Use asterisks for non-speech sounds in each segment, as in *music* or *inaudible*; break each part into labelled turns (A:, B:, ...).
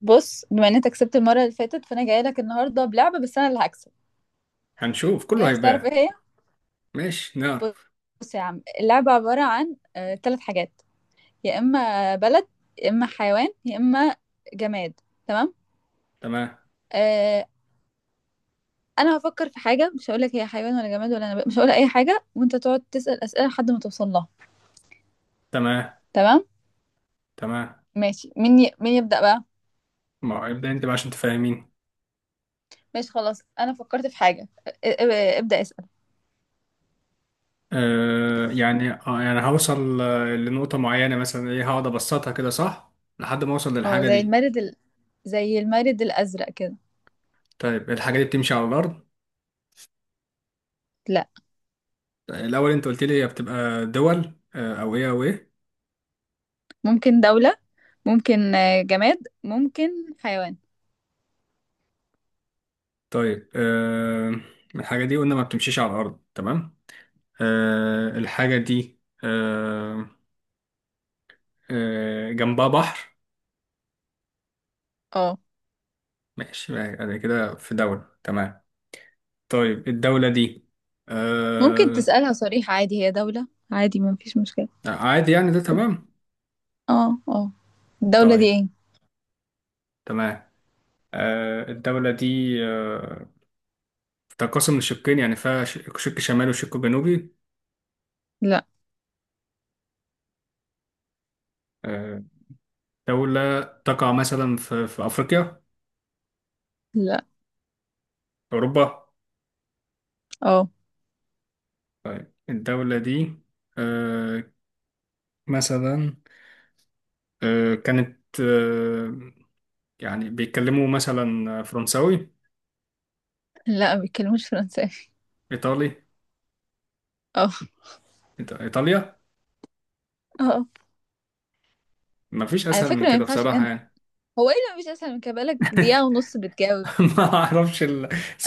A: بص، بما ان انت كسبت المره اللي فاتت، فانا جايه لك النهارده بلعبه، بس انا اللي هكسب.
B: هنشوف كله
A: جاهز تعرف
B: هيبان.
A: ايه هي؟
B: ماشي، نعرف.
A: بص يا عم، اللعبه عباره عن ثلاث حاجات: يا اما بلد، يا اما حيوان، يا اما جماد. تمام؟
B: تمام،
A: آه. انا هفكر في حاجه، مش هقول لك هي حيوان ولا جماد ولا نبات، مش هقول اي حاجه، وانت تقعد تسال اسئله لحد ما توصل لها.
B: تمام،
A: تمام.
B: تمام.
A: ماشي، مين يبدا بقى؟
B: ما ابدأ انت بقى عشان تفهمين.
A: ماشي خلاص، انا فكرت في حاجه، ابدا اسال.
B: يعني هوصل لنقطة معينة مثلا ايه، هقعد ابسطها كده صح لحد ما اوصل
A: اه،
B: للحاجة دي.
A: زي المارد الازرق كده.
B: طيب، الحاجة دي بتمشي على الأرض؟
A: لا.
B: الأول انت قلت لي هي بتبقى دول أو ايه أو ايه؟
A: ممكن دوله، ممكن جماد، ممكن حيوان.
B: طيب، الحاجة دي قلنا ما بتمشيش على الأرض، تمام. الحاجة دي. جنبها بحر.
A: اه.
B: ماشي، يعني كده في دولة، تمام. طيب، الدولة دي.
A: ممكن
B: آه.
A: تسألها صريح عادي، هي دولة عادي، ما فيش مشكلة.
B: آه، عادي، يعني ده تمام.
A: اه، اه. الدولة دي
B: طيب.
A: ايه؟
B: تمام. الدولة دي. تنقسم لشقين، يعني فيها شق شمالي وشق جنوبي.
A: لا.
B: آه دولة تقع مثلا في أفريقيا؟
A: لا.
B: أوروبا؟
A: اه.
B: طيب، الدولة دي. آه. مثلا. كانت. يعني بيتكلموا مثلا فرنساوي؟
A: لا. ما بيتكلموش فرنساوي.
B: إيطالي؟
A: اه.
B: إيطاليا.
A: اه. آه.
B: مفيش
A: على
B: أسهل من
A: فكرة ما
B: كده
A: ينفعش
B: بصراحة،
A: كان.
B: يعني.
A: هو ايه اللي مش اسهل من كده بقالك دقيقة
B: *laughs*
A: ونص بتجاوب؟
B: ما أعرفش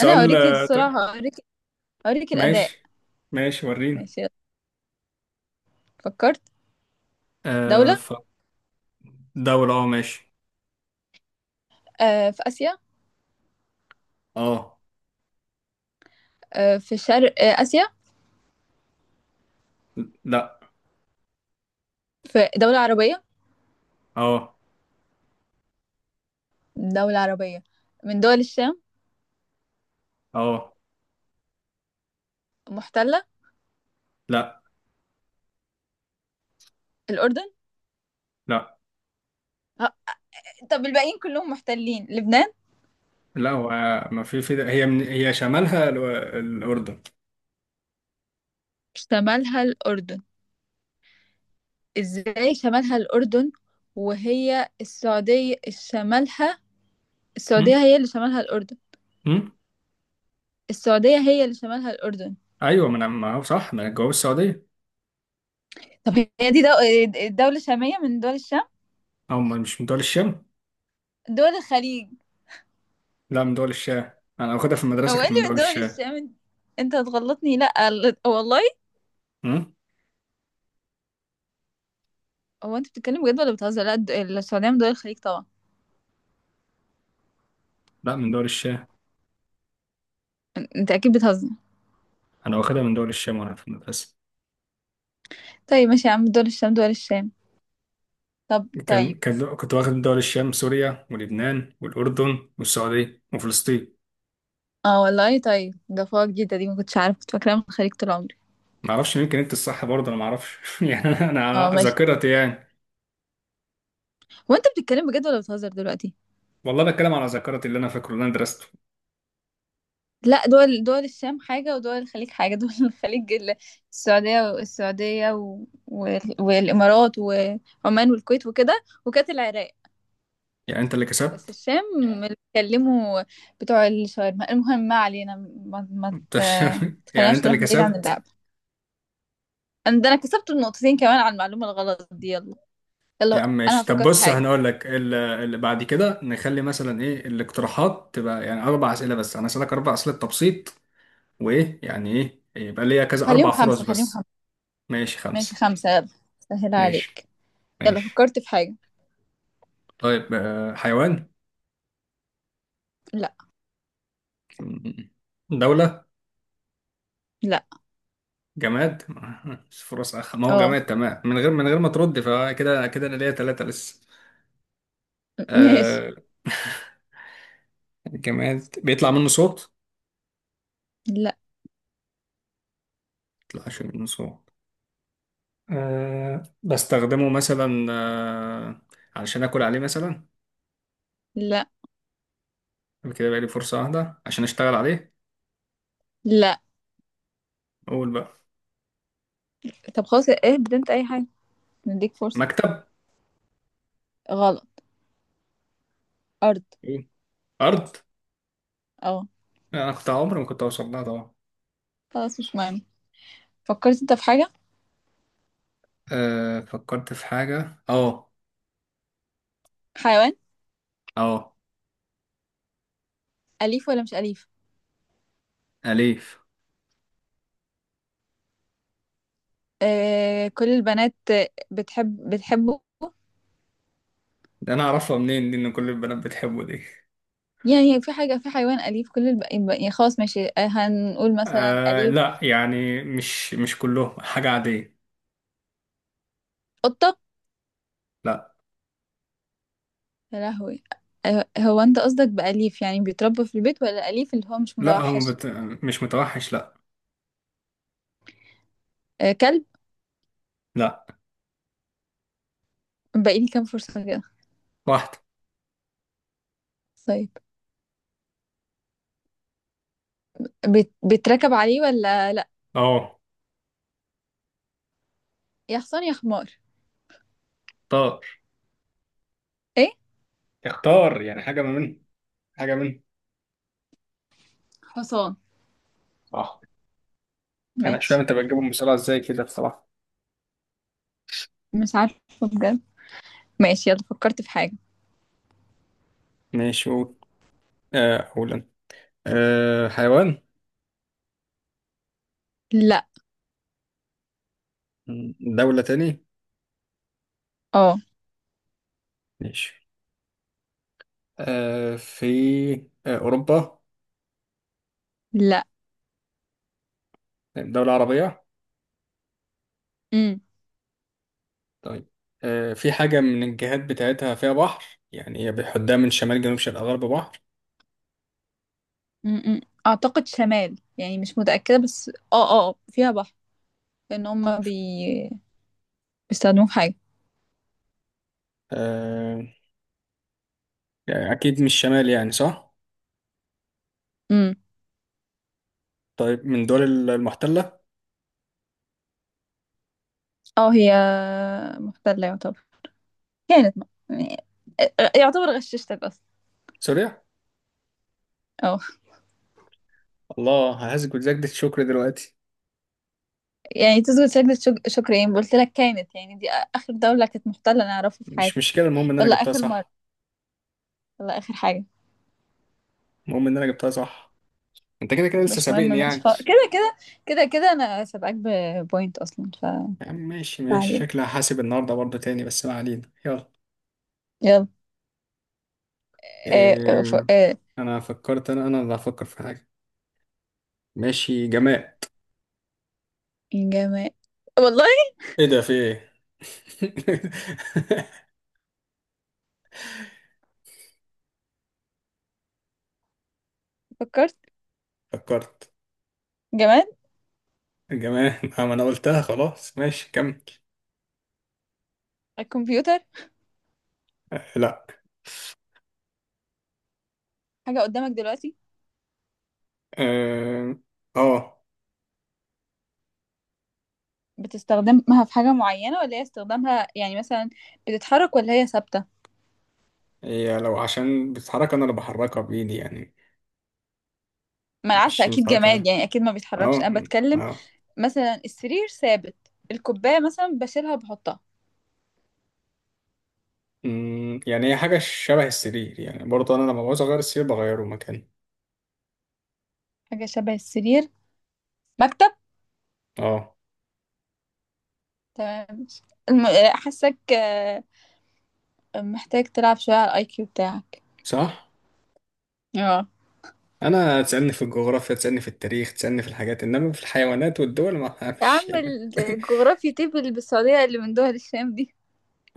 A: انا اوريك الصراحة، اوريك، اوريك الأداء.
B: ماشي، ماشي، وريني.
A: ماشي. فكرت. دولة.
B: ف دولة، اه، ماشي.
A: في آسيا.
B: اه.
A: في شرق آسيا.
B: لا.
A: في دولة عربية.
B: اه،
A: دولة عربية من دول الشام.
B: اه.
A: محتلة.
B: لا،
A: الأردن.
B: لا،
A: آه. طب الباقيين كلهم محتلين، لبنان؟
B: لا. هو ما في هي، من هي شمالها الأردن.
A: شمالها الأردن. إزاي شمالها الأردن وهي السعودية شمالها؟ السعودية
B: هم؟
A: هي اللي شمالها الأردن.
B: هم؟
A: السعودية هي اللي شمالها الأردن.
B: ايوه، ما انا، ما هو صح، ما انا جواب السعودية.
A: طب هي دي دو... دولة شامية من دول الشام.
B: او مش من دول الشام.
A: دول الخليج.
B: لا، من دول الشام. انا واخدها في المدرسة،
A: هو إيه
B: كانت
A: اللي
B: من
A: من
B: دول
A: دول
B: الشام.
A: الشام؟ انت هتغلطني، لا والله.
B: هم؟
A: هو أنت بتتكلم بجد ولا بتهزر؟ لا، السعودية من دول الخليج طبعا.
B: لا، من دول الشام.
A: أنت أكيد بتهزر.
B: انا واخدها من دول الشام وانا في المدرسة.
A: طيب ماشي يا عم، دول الشام دول الشام. طب طيب.
B: كنت واخد من دول الشام: سوريا ولبنان والأردن والسعودية وفلسطين.
A: اه والله، طيب ده فوق جديدة دي، ما كنتش عارفة، كنت فاكراها من الخليج طول عمري.
B: ما اعرفش، يمكن انت الصح، برضه انا ما اعرفش. *laughs* يعني انا
A: اه
B: أنا
A: ماشي.
B: ذاكرتي، يعني.
A: هو انت بتتكلم بجد ولا بتهزر دلوقتي؟
B: والله بتكلم على ذاكرتي، اللي انا فاكره، اللي انا درسته.
A: لا، دول دول الشام حاجة، ودول الخليج حاجة. دول *laughs* الخليج السعودية والإمارات وعمان والكويت وكده، وكانت العراق.
B: يعني انت اللي
A: بس
B: كسبت.
A: الشام اللي بيتكلموا بتوع الشاورما. المهم ما علينا. ما, ما
B: انت
A: ت...
B: *laughs* يعني انت
A: تخليناش
B: اللي
A: نروح بعيد عن
B: كسبت.
A: اللعب. ده انا كسبت النقطتين كمان على المعلومة الغلط دي. يلا.
B: يا عم،
A: يلا انا
B: ماشي، طب
A: هفكر في
B: بص،
A: حاجة.
B: هنقول لك اللي بعد كده، نخلي مثلا ايه الاقتراحات تبقى، يعني اربع اسئله بس، انا اسالك اربع اسئله تبسيط. وايه يعني ايه؟ يبقى ليا كذا
A: خليهم
B: اربع فرص
A: خمسة، خليهم
B: بس.
A: خمسة.
B: ماشي،
A: ماشي،
B: خمسه.
A: خمسة، يلا. سهل
B: ماشي،
A: عليك. يلا
B: ماشي.
A: فكرت في حاجة.
B: طيب، حيوان؟
A: لا.
B: دوله؟
A: لا.
B: جماد؟ *laughs* مش فرص، ما هو
A: اه
B: جماد، تمام، من غير ما ترد فكده كده انا ليا ثلاثة لسه.
A: ماشي.
B: آه. *laughs* جماد بيطلع منه صوت؟
A: لا.
B: بيطلعش منه صوت. بستخدمه مثلا علشان اكل عليه مثلا؟
A: لا.
B: يبقى كده، بقى لي فرصة واحدة عشان اشتغل عليه.
A: لا.
B: اقول بقى.
A: طب خلاص، ايه انت اي حاجة، نديك فرصة.
B: مكتب؟
A: غلط. ارض.
B: إيه؟ ارض؟
A: اه.
B: انا كنت عمري ما كنت اوصل لها طبعا.
A: خلاص مش مهم. فكرت انت في حاجة.
B: فكرت في حاجة، اه.
A: حيوان.
B: اه.
A: أليف ولا مش أليف؟
B: اليف.
A: آه، كل البنات بتحبه.
B: ده انا اعرفها منين دي، ان كل البنات بتحبه دي؟
A: يعني في حاجة، في حيوان أليف، يعني خلاص ماشي، هنقول مثلا أليف.
B: لا، يعني مش كلهم، حاجة عادية.
A: قطة.
B: لا.
A: يا لهوي. هو انت قصدك بأليف يعني بيتربى في البيت، ولا أليف اللي هو مش
B: لا، هم
A: متوحش؟
B: بت... مش متوحش، لا.
A: آه، كلب.
B: لا.
A: باقي لي كام فرصة كده؟
B: واحدة.
A: طيب، بتركب عليه ولا لا؟
B: اه.
A: يا حصان يا حمار.
B: اختار.
A: ايه.
B: اختار، يعني حاجة ما منهم. حاجة منهم.
A: حصان.
B: صح. أنا مش فاهم
A: ماشي.
B: أنت بتجيبهم بسرعة إزاي كده، بصراحة.
A: مش عارفة، بجد. ماشي يلا فكرت في حاجة.
B: ماشي، قول. أقول أنا. حيوان؟
A: لا.
B: دولة تاني؟
A: اه.
B: ماشي. في أوروبا؟
A: لا.
B: دولة عربية؟
A: امم.
B: طيب، في حاجة من الجهات بتاعتها فيها بحر، يعني هي بيحدها من شمال جنوب شرق غرب بحر.
A: امم اعتقد شمال يعني، مش متأكدة، بس فيها بحر. لان بيستخدموه في حاجة.
B: آه يعني أكيد مش شمال، يعني صح؟
A: امم.
B: طيب، من دول المحتلة؟
A: اه هي محتلة يعتبر، كانت م... يعني- آه، آه، يعتبر غششتك اصلا.
B: سوريا؟
A: اه.
B: الله، ههزك وتزايد الشكر دلوقتي.
A: يعني تسجد سجدة شكر؟ ايه قلت لك، كانت يعني دي اخر دولة كانت محتلة انا اعرفها في حياتي.
B: مش مشكلة، المهم إن أنا
A: يلا
B: جبتها
A: اخر مره.
B: صح.
A: يلا اخر حاجه.
B: المهم إن أنا جبتها صح. أنت كده كده لسه
A: مش مهم
B: سابقني،
A: ماشي
B: يعني.
A: خلاص، كده كده. كده كده انا سابقاك ببوينت اصلا،
B: يا عم، ماشي،
A: ما
B: ماشي،
A: علينا
B: شكلي هحاسب النهاردة برضه تاني، بس ما علينا، يلا.
A: يلا. آه آه ف...
B: إيه.
A: آه
B: أنا فكرت، أنا اللي هفكر في حاجة. ماشي، جماد.
A: جماد والله.
B: إيه ده؟ في إيه؟ *laughs*
A: فكرت.
B: فكرت.
A: جماد.
B: جماد، ما أنا قلتها خلاص، ماشي كمل.
A: الكمبيوتر.
B: لا.
A: حاجه قدامك دلوقتي.
B: آه. آه.
A: بتستخدمها في حاجه معينه، ولا هي استخدامها يعني مثلا بتتحرك ولا هي ثابته؟
B: هي لو عشان بتتحرك، انا اللي بحركها بايدي يعني.
A: ما انا عارفه
B: مش
A: اكيد جماد،
B: بتحركها.
A: يعني اكيد ما بيتحركش،
B: اه.
A: انا بتكلم
B: اه.
A: مثلا السرير ثابت، الكوبايه مثلا بشيلها بحطها.
B: يعني هي حاجه شبه السرير، يعني برضه انا لما بعوز اغير السرير بغيره مكاني.
A: حاجه شبه السرير. مكتب.
B: اه.
A: تمام. حاسك محتاج تلعب شوية على الاي كيو بتاعك.
B: صح.
A: اه.
B: انا تسالني في الجغرافيا، تسالني في التاريخ، تسالني في الحاجات، انما في الحيوانات والدول ما
A: يا
B: فيش،
A: عم
B: يعني. *laughs*
A: الجغرافيا؟ طب اللي بالسعودية اللي من دول الشام دي.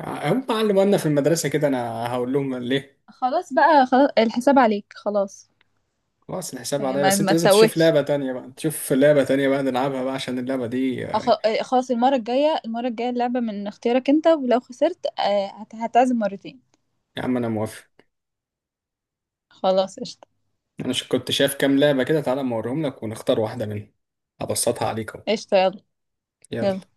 B: هم علموا لنا في المدرسه كده، انا هقول لهم ليه.
A: خلاص بقى، خلاص الحساب عليك خلاص.
B: خلاص، الحساب
A: يعني
B: عليا،
A: ما
B: بس انت
A: ما
B: لازم تشوف
A: تتوهش.
B: لعبه تانية بقى، تشوف لعبه تانية بقى نلعبها بقى عشان اللعبه دي
A: أخ-
B: آه،
A: خلاص، المرة الجاية، المرة الجاية اللعبة من اختيارك انت، ولو خسرت هتعزم مرتين.
B: يا عم، انا موافق.
A: خلاص قشطة.
B: انا كنت شايف كام لعبة كده، تعالى أما اوريهم لك ونختار واحدة منهم. ابسطها عليك اهو.
A: قشطة يلا. يلا.
B: يلا.